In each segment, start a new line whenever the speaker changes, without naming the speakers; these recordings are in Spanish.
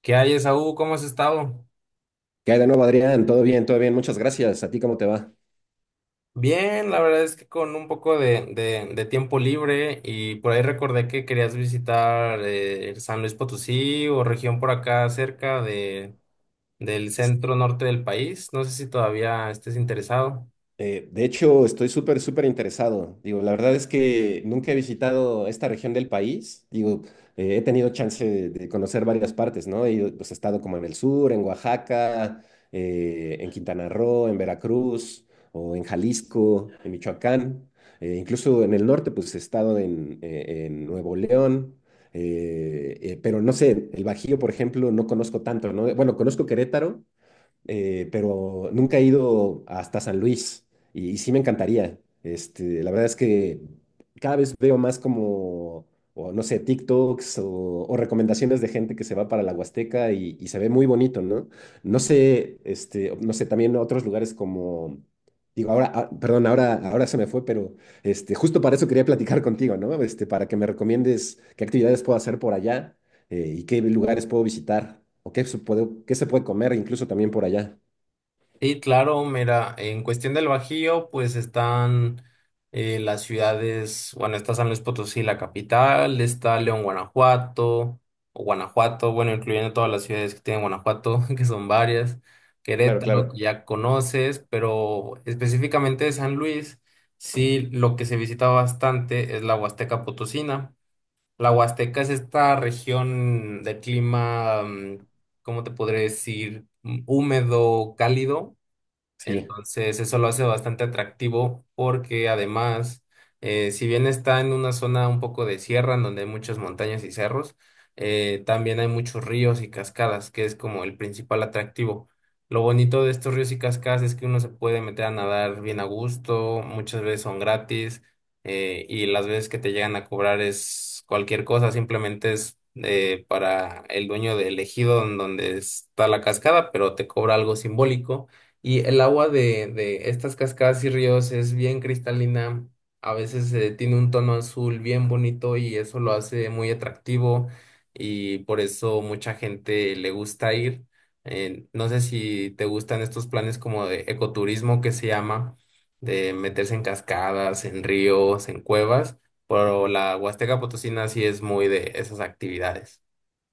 ¿Qué hay, Esaú? ¿Cómo has estado?
¿Qué hay de nuevo, Adrián? Todo bien, todo bien. Muchas gracias. ¿A ti cómo te va?
Bien, la verdad es que con un poco de tiempo libre y por ahí recordé que querías visitar San Luis Potosí o región por acá cerca de, del centro norte del país. No sé si todavía estés interesado.
De hecho, estoy súper, súper interesado. Digo, la verdad es que nunca he visitado esta región del país. Digo, he tenido chance de conocer varias partes, ¿no? He ido, pues, he estado como en el sur, en Oaxaca, en Quintana Roo, en Veracruz, o en Jalisco, en Michoacán. Incluso en el norte, pues he estado en Nuevo León. Pero no sé, el Bajío, por ejemplo, no conozco tanto, ¿no? Bueno, conozco Querétaro, pero nunca he ido hasta San Luis y sí me encantaría. Este, la verdad es que cada vez veo más como, o no sé, TikToks o recomendaciones de gente que se va para la Huasteca y se ve muy bonito, ¿no? No sé, este, no sé, también otros lugares como... Digo, ahora, perdón, ahora, ahora se me fue, pero este, justo para eso quería platicar contigo, ¿no? Este, para que me recomiendes qué actividades puedo hacer por allá, y qué lugares puedo visitar o qué se puede comer incluso también por allá.
Sí, claro, mira, en cuestión del Bajío, pues están las ciudades, bueno, está San Luis Potosí, la capital, está León, Guanajuato, o Guanajuato, bueno, incluyendo todas las ciudades que tiene Guanajuato, que son varias,
Claro,
Querétaro, que
claro.
ya conoces, pero específicamente de San Luis, sí, lo que se visita bastante es la Huasteca Potosina. La Huasteca es esta región de clima, ¿cómo te podré decir? Húmedo, cálido.
Sí.
Entonces, eso lo hace bastante atractivo porque además, si bien está en una zona un poco de sierra, en donde hay muchas montañas y cerros, también hay muchos ríos y cascadas, que es como el principal atractivo. Lo bonito de estos ríos y cascadas es que uno se puede meter a nadar bien a gusto, muchas veces son gratis, y las veces que te llegan a cobrar es cualquier cosa, simplemente es para el dueño del ejido en donde está la cascada, pero te cobra algo simbólico y el agua de estas cascadas y ríos es bien cristalina, a veces tiene un tono azul bien bonito y eso lo hace muy atractivo y por eso mucha gente le gusta ir. No sé si te gustan estos planes como de ecoturismo que se llama, de meterse en cascadas, en ríos, en cuevas, pero la Huasteca Potosina sí es muy de esas actividades.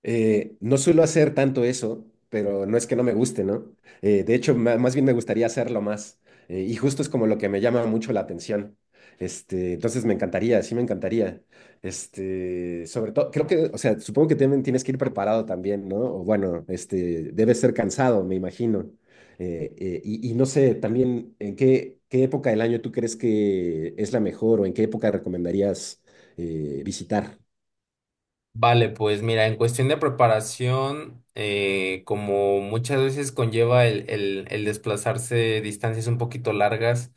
No suelo hacer tanto eso, pero no es que no me guste, ¿no? De hecho, más bien me gustaría hacerlo más. Y justo es como lo que me llama mucho la atención. Este, entonces me encantaría, sí me encantaría. Este, sobre todo, creo que, o sea, supongo que también tienes que ir preparado también, ¿no? O bueno, este, debes ser cansado, me imagino. Y, no sé, también, ¿en qué, qué época del año tú crees que es la mejor o en qué época recomendarías visitar?
Vale, pues mira, en cuestión de preparación, como muchas veces conlleva el desplazarse distancias un poquito largas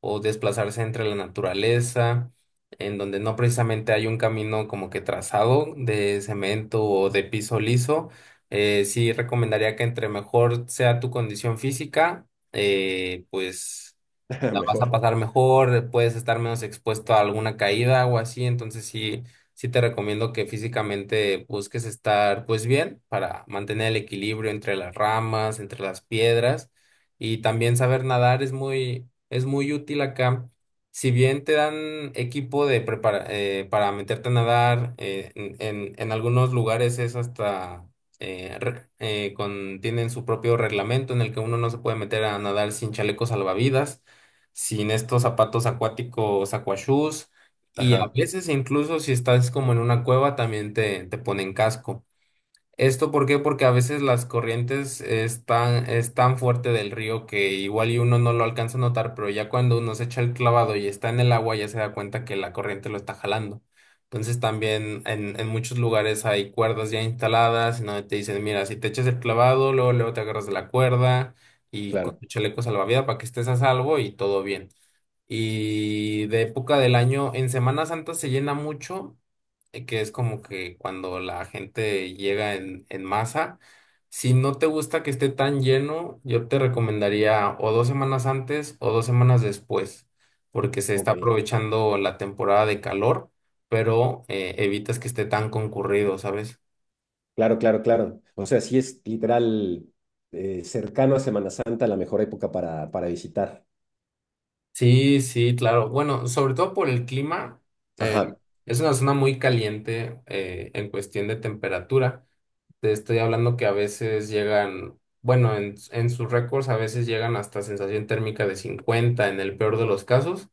o desplazarse entre la naturaleza, en donde no precisamente hay un camino como que trazado de cemento o de piso liso, sí recomendaría que entre mejor sea tu condición física, pues la vas a
Mejor.
pasar mejor, puedes estar menos expuesto a alguna caída o así, entonces sí te recomiendo que físicamente busques estar pues bien para mantener el equilibrio entre las ramas, entre las piedras y también saber nadar es muy útil acá. Si bien te dan equipo de para meterte a nadar, en algunos lugares es hasta tienen su propio reglamento en el que uno no se puede meter a nadar sin chalecos salvavidas, sin estos zapatos acuáticos aquashoes y a
Ajá,
veces incluso si estás como en una cueva también te ponen casco. ¿Esto por qué? Porque a veces las corrientes están tan, es tan fuerte del río que igual y uno no lo alcanza a notar, pero ya cuando uno se echa el clavado y está en el agua ya se da cuenta que la corriente lo está jalando. Entonces también en muchos lugares hay cuerdas ya instaladas en donde te dicen, mira, si te echas el clavado, luego, luego te agarras de la cuerda y con
claro.
tu chaleco salvavidas para que estés a salvo y todo bien. Y de época del año, en Semana Santa se llena mucho, que es como que cuando la gente llega en masa. Si no te gusta que esté tan lleno, yo te recomendaría o dos semanas antes o dos semanas después, porque se está
Ok,
aprovechando la temporada de calor, pero evitas que esté tan concurrido, ¿sabes?
claro, claro, claro. O sea, sí es literal, cercano a Semana Santa la mejor época para visitar.
Sí, sí, claro. Bueno, sobre todo por el clima, eh,
Ajá,
es una zona muy caliente en cuestión de temperatura. Te estoy hablando que a veces llegan, bueno, en sus récords a veces llegan hasta sensación térmica de 50 en el peor de los casos,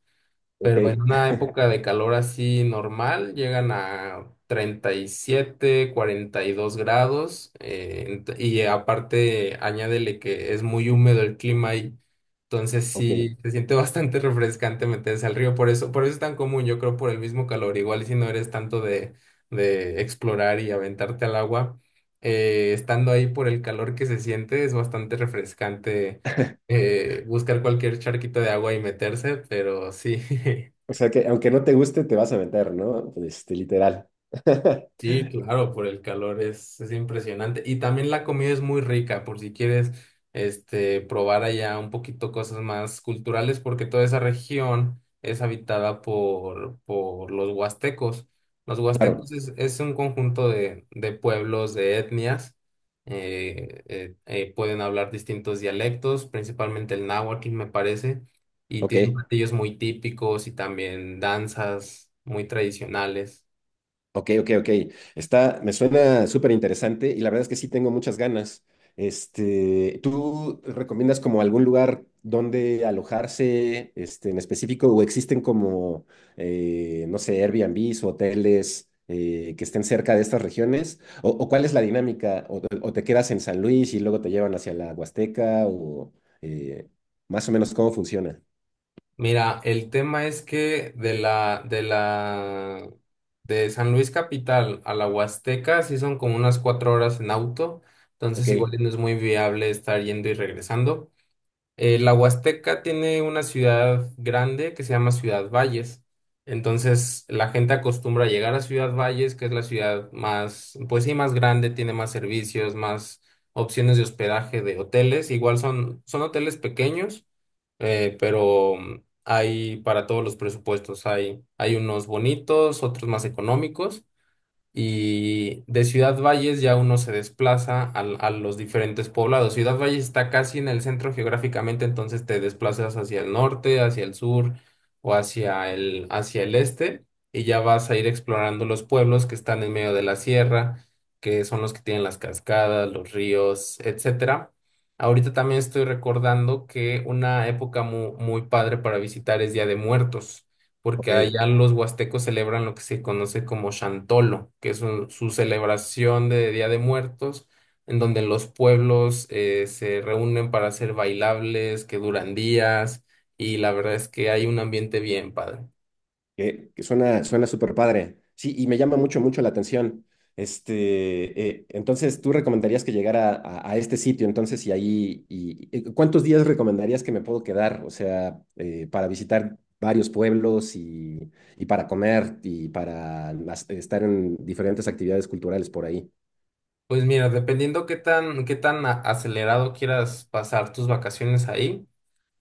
ok.
pero en una época de calor así normal llegan a 37, 42 grados y aparte añádele que es muy húmedo el clima y entonces
Ok.
sí se siente bastante refrescante meterse al río, por eso es tan común, yo creo por el mismo calor, igual si no eres tanto de explorar y aventarte al agua, estando ahí por el calor que se siente es bastante refrescante, buscar cualquier charquito de agua y meterse, pero sí.
O sea que aunque no te guste, te vas a meter, ¿no? Este, literal.
Sí, claro, por el calor es impresionante. Y también la comida es muy rica, por si quieres este, probar allá un poquito cosas más culturales, porque toda esa región es habitada por los huastecos. Los
Claro,
huastecos es un conjunto de pueblos, de etnias. Pueden hablar distintos dialectos, principalmente el náhuatl, me parece, y tienen
ok.
platillos muy típicos y también danzas muy tradicionales.
Ok, ok, ok. Está, me suena súper interesante y la verdad es que sí tengo muchas ganas. Este, ¿tú recomiendas como algún lugar donde alojarse, este, en específico, o existen como, no sé, Airbnbs o hoteles que estén cerca de estas regiones? O cuál es la dinámica? O te quedas en San Luis y luego te llevan hacia la Huasteca? ¿O eh, más o menos cómo funciona?
Mira, el tema es que de San Luis Capital a la Huasteca sí son como unas 4 horas en auto, entonces
Ok,
igual y no es muy viable estar yendo y regresando. La Huasteca tiene una ciudad grande que se llama Ciudad Valles, entonces la gente acostumbra a llegar a Ciudad Valles, que es la ciudad más, pues sí, más grande, tiene más servicios, más opciones de hospedaje de hoteles, igual son, son hoteles pequeños, pero hay para todos los presupuestos, hay unos bonitos, otros más económicos. Y de Ciudad Valles ya uno se desplaza los diferentes poblados. Ciudad Valles está casi en el centro geográficamente, entonces te desplazas hacia el norte, hacia el sur o hacia el este y ya vas a ir explorando los pueblos que están en medio de la sierra, que son los que tienen las cascadas, los ríos, etcétera. Ahorita también estoy recordando que una época muy padre para visitar es Día de Muertos porque
ok.
allá los huastecos celebran lo que se conoce como Chantolo, que es su celebración de Día de Muertos, en donde los pueblos se reúnen para hacer bailables que duran días, y la verdad es que hay un ambiente bien padre.
Que suena, suena súper padre. Sí, y me llama mucho, mucho la atención. Este, entonces, tú recomendarías que llegara a este sitio, entonces, y ahí, y ¿cuántos días recomendarías que me puedo quedar? O sea, para visitar varios pueblos y para comer y para estar en diferentes actividades culturales por ahí.
Pues mira, dependiendo qué tan acelerado quieras pasar tus vacaciones ahí,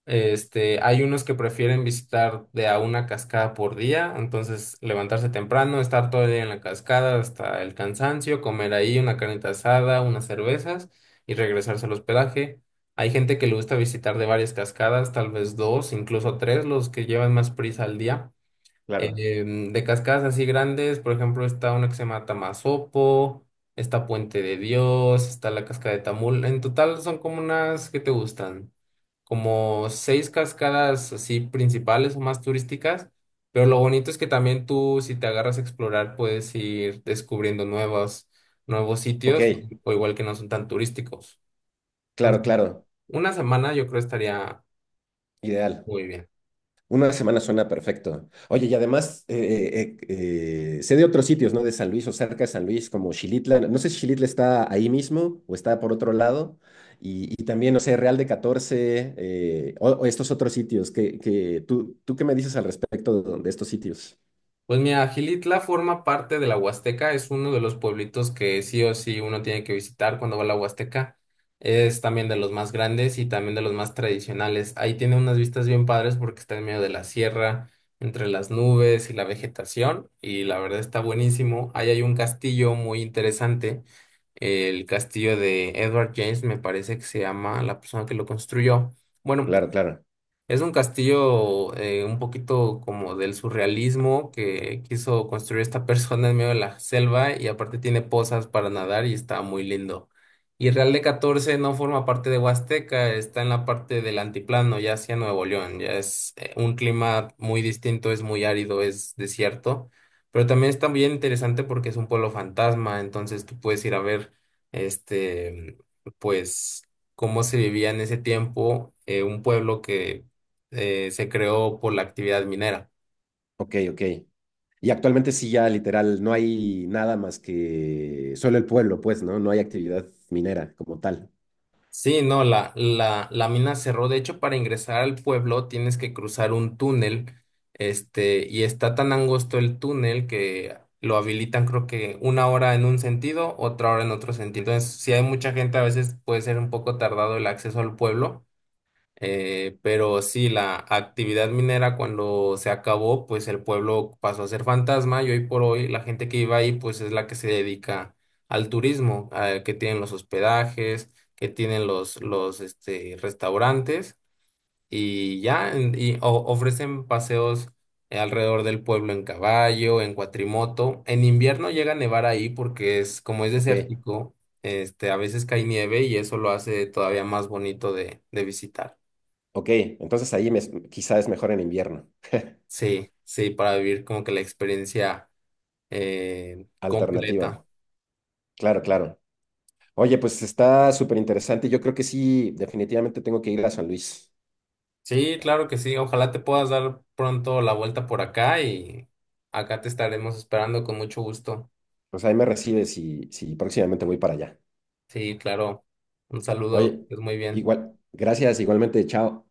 este, hay unos que prefieren visitar de a una cascada por día, entonces levantarse temprano, estar todo el día en la cascada hasta el cansancio, comer ahí una carnita asada, unas cervezas y regresarse al hospedaje. Hay gente que le gusta visitar de varias cascadas, tal vez dos, incluso tres, los que llevan más prisa al día.
Claro.
De cascadas así grandes, por ejemplo, está una que se llama Tamasopo, está Puente de Dios, está la cascada de Tamul. En total son como unas que te gustan como 6 cascadas así principales o más turísticas, pero lo bonito es que también tú, si te agarras a explorar, puedes ir descubriendo nuevos, nuevos
Ok,
sitios, o igual que no son tan turísticos.
claro,
Entonces,
claro.
1 semana yo creo estaría
Ideal.
muy bien.
Una semana suena perfecto. Oye, y además sé de otros sitios, ¿no? De San Luis o cerca de San Luis, como Xilitla. No sé si Xilitla está ahí mismo o está por otro lado. Y también, no sé, Real de catorce, o estos otros sitios. Que, ¿tú, tú qué me dices al respecto de estos sitios?
Pues mira, Gilitla forma parte de la Huasteca, es uno de los pueblitos que sí o sí uno tiene que visitar cuando va a la Huasteca. Es también de los más grandes y también de los más tradicionales. Ahí tiene unas vistas bien padres porque está en medio de la sierra, entre las nubes y la vegetación, y la verdad está buenísimo. Ahí hay un castillo muy interesante, el castillo de Edward James, me parece que se llama la persona que lo construyó. Bueno,
Claro, claro.
es un castillo un poquito como del surrealismo que quiso construir esta persona en medio de la selva y aparte tiene pozas para nadar y está muy lindo. Y Real de catorce no forma parte de Huasteca, está en la parte del antiplano, ya hacia Nuevo León, ya es un clima muy distinto, es muy árido, es desierto, pero también está bien interesante porque es un pueblo fantasma, entonces tú puedes ir a ver este, pues cómo se vivía en ese tiempo, un pueblo que se creó por la actividad minera.
Ok, ok. Y actualmente sí, ya literal, no hay nada más que solo el pueblo, pues, ¿no? No hay actividad minera como tal.
Sí, no, la mina cerró. De hecho, para ingresar al pueblo tienes que cruzar un túnel, este, y está tan angosto el túnel que lo habilitan, creo que 1 hora en un sentido, otra hora en otro sentido. Entonces, si hay mucha gente, a veces puede ser un poco tardado el acceso al pueblo. Pero sí, la actividad minera cuando se acabó, pues el pueblo pasó a ser fantasma y hoy por hoy la gente que vive ahí, pues es la que se dedica al turismo, que tienen los hospedajes, que tienen los este, restaurantes y ya, ofrecen paseos alrededor del pueblo en caballo, en cuatrimoto. En invierno llega a nevar ahí porque es, como es
Ok,
desértico, este, a veces cae nieve y eso lo hace todavía más bonito de visitar.
ok. Entonces ahí me, quizá es mejor en invierno.
Sí, sí, para vivir como que la experiencia completa.
Alternativa. Claro, claro. Oye, pues está súper interesante. Yo creo que sí, definitivamente tengo que ir a San Luis.
Sí, claro que sí. Ojalá te puedas dar pronto la vuelta por acá y acá te estaremos esperando con mucho gusto.
Pues ahí me recibes y, si próximamente voy para allá.
Sí, claro. Un saludo,
Oye,
es muy bien.
igual, gracias, igualmente, chao.